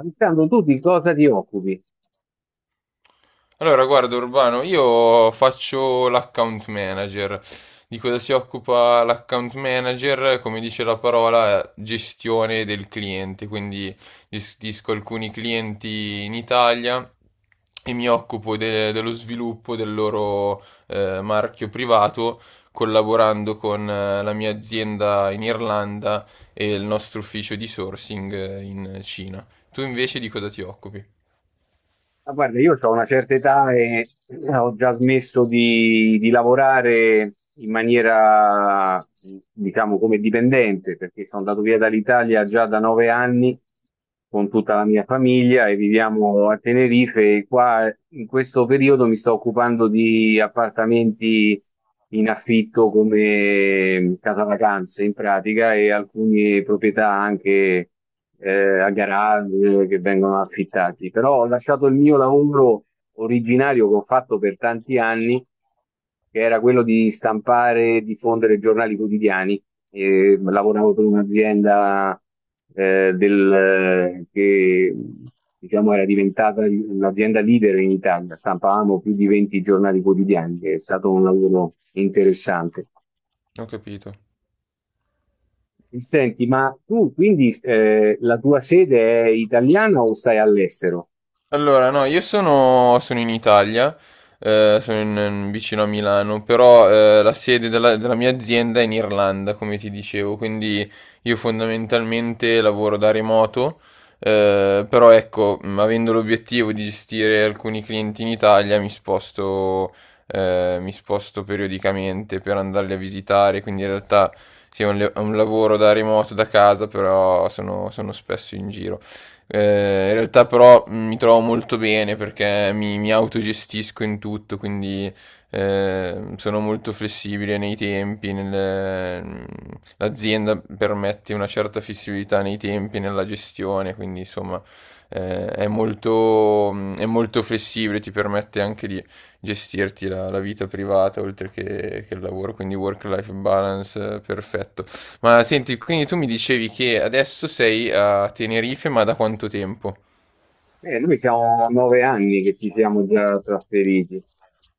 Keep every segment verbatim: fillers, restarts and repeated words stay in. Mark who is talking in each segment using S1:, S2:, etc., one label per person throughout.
S1: Alessandro, tu di cosa ti occupi?
S2: Allora, guarda Urbano, io faccio l'account manager. Di cosa si occupa l'account manager? Come dice la parola, gestione del cliente. Quindi gestisco alcuni clienti in Italia e mi occupo de- dello sviluppo del loro eh, marchio privato, collaborando con eh, la mia azienda in Irlanda e il nostro ufficio di sourcing eh, in Cina. Tu invece di cosa ti occupi?
S1: Ma guarda, io ho una certa età e eh, ho già smesso di, di lavorare in maniera, diciamo, come dipendente, perché sono andato via dall'Italia già da nove anni con tutta la mia famiglia e viviamo a Tenerife. E qua in questo periodo mi sto occupando di appartamenti in affitto come casa vacanze in pratica e alcune proprietà anche. Eh, a garage che vengono affittati, però ho lasciato il mio lavoro originario che ho fatto per tanti anni, che era quello di stampare e diffondere giornali quotidiani. E lavoravo per un'azienda eh, del- che diciamo era diventata l'azienda leader in Italia, stampavamo più di venti giornali quotidiani. È stato un lavoro interessante.
S2: Ho capito.
S1: Senti, ma tu quindi eh, la tua sede è italiana o stai all'estero?
S2: Allora, no, io sono, sono in Italia, eh, sono in- vicino a Milano, però eh, la sede della, della mia azienda è in Irlanda, come ti dicevo, quindi io fondamentalmente lavoro da remoto, eh, però ecco, mh, avendo l'obiettivo di gestire alcuni clienti in Italia, mi sposto, eh, mi sposto periodicamente per andarli a visitare, quindi in realtà sì, è un, le- è un lavoro da remoto, da casa, però sono sono spesso in giro. Eh, in realtà però mm, mi trovo molto bene perché mi, mi autogestisco in tutto, quindi eh, sono molto flessibile nei tempi, nel- mm, l'azienda permette una certa flessibilità nei tempi, nella gestione, quindi insomma eh, è molto, mm, è molto flessibile, ti permette anche di gestirti la, la vita privata oltre che, che il lavoro, quindi work-life balance eh, perfetto. Ma senti, quindi tu mi dicevi che adesso sei a Tenerife, ma da quanto tempo?
S1: Eh, noi siamo nove anni che ci siamo già trasferiti.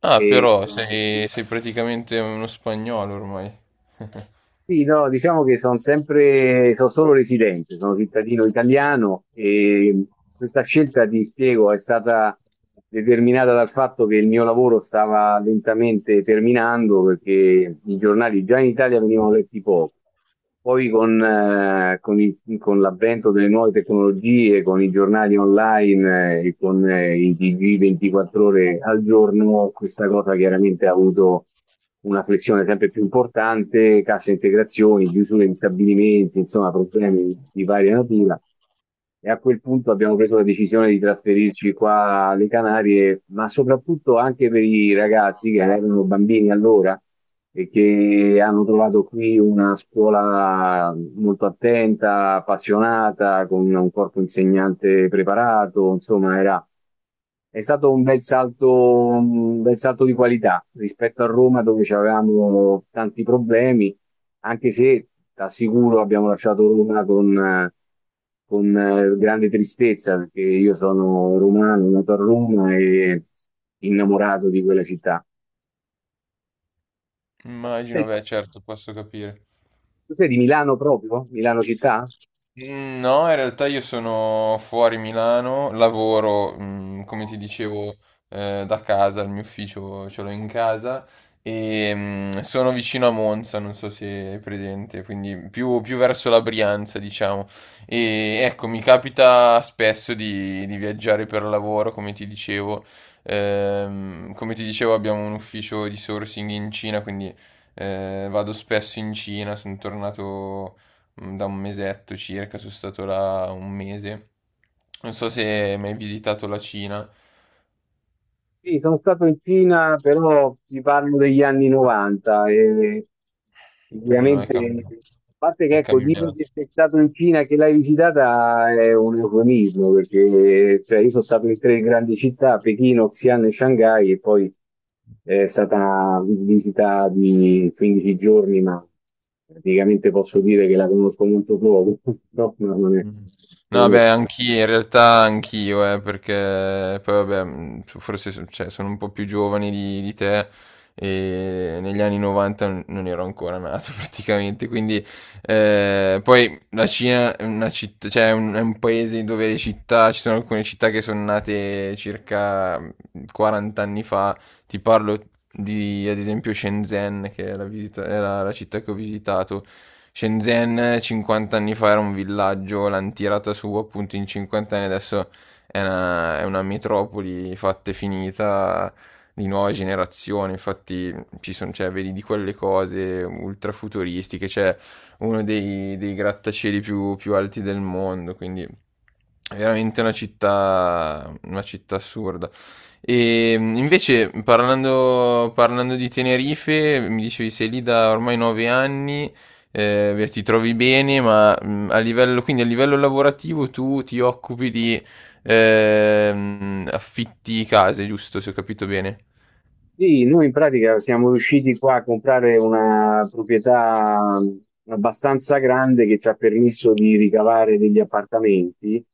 S2: Ah,
S1: E,
S2: però sei, sei praticamente uno spagnolo ormai.
S1: sì, no, diciamo che sono sempre, sono solo residente, sono cittadino italiano e questa scelta, ti spiego, è stata determinata dal fatto che il mio lavoro stava lentamente terminando perché i giornali già in Italia venivano letti poco. Poi con, eh, con i- con l'avvento delle nuove tecnologie, con i giornali online, eh, e con eh, i T G ventiquattro ore al giorno, questa cosa chiaramente ha avuto una flessione sempre più importante, casse integrazioni, chiusure di stabilimenti, insomma, problemi di varia natura. E a quel punto abbiamo preso la decisione di trasferirci qua alle Canarie, ma soprattutto anche per i ragazzi che erano bambini allora e che hanno trovato qui una scuola molto attenta, appassionata, con un corpo insegnante preparato, insomma, era, è stato un bel salto, un bel salto di qualità rispetto a Roma dove avevamo tanti problemi, anche se ti assicuro abbiamo lasciato Roma con... eh, con eh, grande tristezza perché io sono romano, nato a Roma e innamorato di quella città.
S2: Immagino, beh, certo, posso capire.
S1: Tu sei di Milano proprio? Milano città?
S2: Mm, No, in realtà io sono fuori Milano, lavoro, mm, come ti dicevo, eh, da casa, il mio ufficio ce l'ho in casa e mm, sono vicino a Monza, non so se è presente, quindi più, più verso la Brianza, diciamo. E ecco, mi capita spesso di, di viaggiare per lavoro, come ti dicevo. Ehm, come ti dicevo, abbiamo un ufficio di sourcing in Cina, quindi eh, vado spesso in Cina, sono tornato mm, da un mesetto circa, sono stato là un mese. Non so se hai mai visitato la Cina,
S1: Sì, sono stato in Cina, però ti parlo degli anni novanta e
S2: eh, no, è,
S1: sicuramente,
S2: cam-
S1: a parte che
S2: è
S1: ecco, dire
S2: cambiato.
S1: che sei stato in Cina e che l'hai visitata è un eufemismo, perché cioè, io sono stato in tre grandi città, Pechino, Xi'an e Shanghai, e poi è stata una visita di quindici giorni, ma praticamente posso dire che la conosco molto poco, no, non è,
S2: Mh. No
S1: non
S2: vabbè
S1: è
S2: anch'i in realtà anch'io eh, perché poi vabbè, mhmm, forse s cioè sono un po' più giovane di di te, e negli anni 'novanta n non ero ancora nato praticamente, quindi ehm, poi la Cina è una citt cioè è un è un paese dove le città ci sono alcune città che son nate circa, mhmm, quaranta anni fa ti parlo di, ad esempio, Shenzhen, che è la, visita- è la- la città che ho visitato. Shenzhen cinquanta anni fa era un villaggio, l'hanno tirata su appunto in cinquanta anni, adesso è una, è una metropoli fatta e finita di nuova generazione, infatti ci sono, cioè, vedi di quelle cose ultra futuristiche, c'è uno dei, dei grattacieli più, più alti del mondo, quindi è veramente una città, una città assurda. E mh, invece parlando, parlando di Tenerife, mi dicevi sei lì da ormai nove anni, eh, beh, ti trovi bene, ma mh, a livello, quindi a livello lavorativo tu ti occupi di ehm, affitti case, giusto, se ho capito bene?
S1: Sì, noi in pratica siamo riusciti qua a comprare una proprietà mh, abbastanza grande che ci ha permesso di ricavare degli appartamenti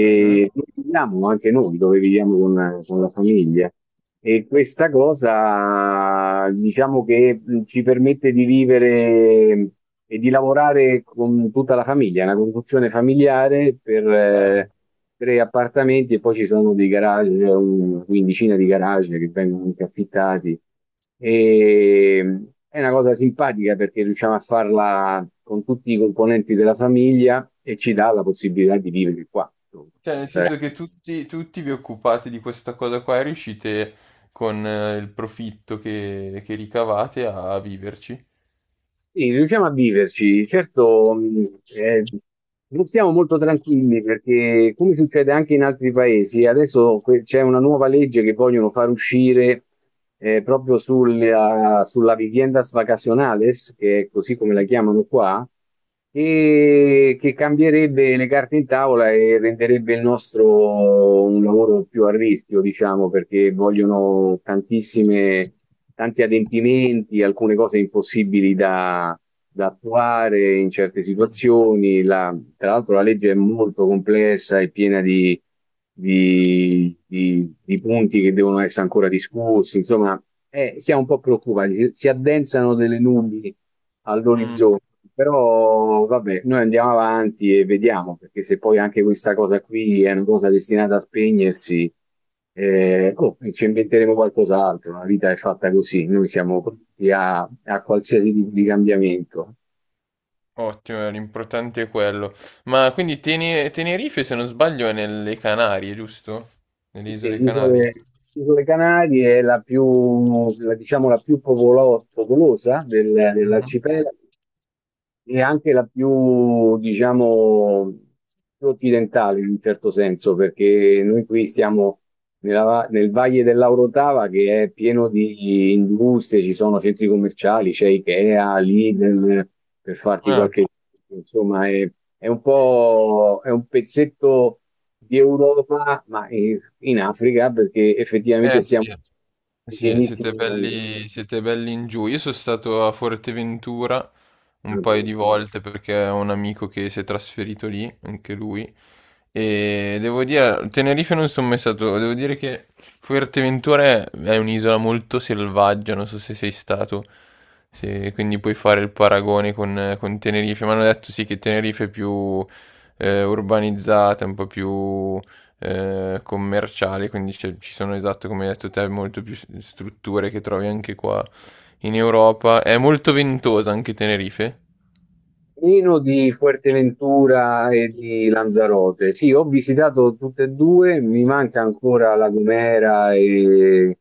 S2: Mhm.
S1: dove viviamo anche noi, dove viviamo con, con la famiglia. E questa cosa diciamo che mh, ci permette di vivere e di lavorare con tutta la famiglia, è una conduzione familiare per, eh,
S2: Bello.
S1: tre appartamenti e poi ci sono dei garage, una quindicina di garage che vengono anche affittati. E è una cosa simpatica perché riusciamo a farla con tutti i componenti della famiglia e ci dà la possibilità di vivere qua, insomma.
S2: Cioè, nel
S1: Questa è...
S2: senso che tutti, tutti vi occupate di questa cosa qua e riuscite con eh, il profitto che, che ricavate a viverci.
S1: Sì, riusciamo a viverci, certo, mh, eh, non stiamo molto tranquilli perché, come succede anche in altri paesi, adesso que- c'è una nuova legge che vogliono far uscire eh, proprio sulla, sulla viviendas vacacionales, che è così come la chiamano qua, e che cambierebbe le carte in tavola e renderebbe il nostro un lavoro più a rischio, diciamo, perché vogliono tantissime, tanti adempimenti, alcune cose impossibili da, da attuare in certe situazioni, la, tra l'altro la legge è molto complessa e piena di, di- di- di punti che devono essere ancora discussi, insomma, eh, siamo un po' preoccupati, si, si addensano delle nubi
S2: Mm.
S1: all'orizzonte, però vabbè, noi andiamo avanti e vediamo, perché se poi anche questa cosa qui è una cosa destinata a spegnersi, eh, oh, ci inventeremo qualcos'altro, la vita è fatta così, noi siamo pronti a, a qualsiasi tipo di cambiamento.
S2: Ottimo, l'importante è quello. Ma quindi Tene- Tenerife, se non sbaglio, è nelle Canarie, giusto?
S1: Sì,
S2: Nelle
S1: sì,
S2: isole Canarie.
S1: Isole, Isole Canarie è la più, la- diciamo, la più popolo- popolosa del-
S2: Mhm.
S1: dell'arcipelago e anche la più, diciamo, più occidentale in un certo senso, perché noi qui stiamo nella va- nel Valle dell'Aurotava che è pieno di industrie, ci sono centri commerciali, c'è Ikea, Lidl, per farti
S2: Ah,
S1: qualche... Insomma, è, è un po', è un pezzetto di Europa, ma in, in Africa, perché effettivamente
S2: eh
S1: stiamo
S2: sì, eh sì,
S1: vicinissimi
S2: siete
S1: al-
S2: belli, siete belli in giù. Io sono stato a Forteventura un paio
S1: al-
S2: di volte perché ho un amico che si è trasferito lì, anche lui. E devo dire, Tenerife non sono mai stato, devo dire che Fuerteventura è, è un'isola molto selvaggia, non so se sei stato, se- quindi puoi fare il paragone con, con Tenerife, mi hanno detto sì che Tenerife è più eh, urbanizzata, un po' più eh, commerciale, quindi c'è- ci sono esatto come hai detto te, molto più s- strutture che trovi anche qua in Europa. È molto ventosa anche Tenerife.
S1: Nino di Fuerteventura e di Lanzarote. Sì, ho visitato tutte e due, mi manca ancora La Gomera e,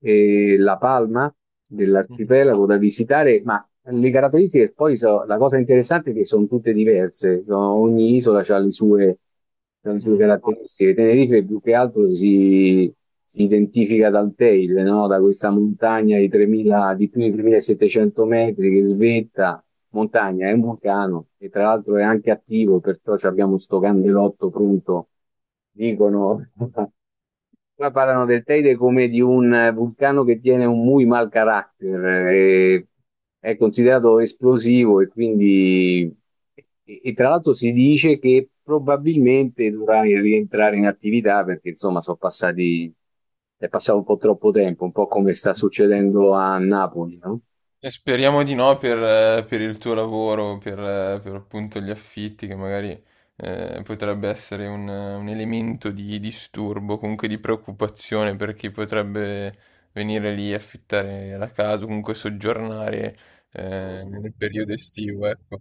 S1: e La Palma
S2: Mhm.
S1: dell'arcipelago da visitare, ma le caratteristiche poi so- la cosa interessante è che sono tutte diverse, sono- ogni isola ha le sue, c'ha le sue
S2: Mm.
S1: caratteristiche. Tenerife più che altro si, si identifica dal tail, no? Da questa montagna di tremila, di più di tremilasettecento metri che svetta montagna, è un vulcano e tra l'altro è anche attivo, perciò ci abbiamo sto candelotto pronto. Dicono, qua parlano del Teide come di un vulcano che tiene un muy mal carácter, eh, è considerato esplosivo e quindi, e, e tra l'altro si dice che probabilmente dovrà rientrare in attività perché insomma sono passati, è passato un po' troppo tempo, un po' come sta succedendo a Napoli, no?
S2: E speriamo di no per, eh, per il tuo lavoro, per, eh, per appunto gli affitti, che magari eh, potrebbe essere un, un elemento di disturbo, comunque di preoccupazione per chi potrebbe venire lì e affittare la casa, comunque soggiornare eh, nel periodo estivo, ecco.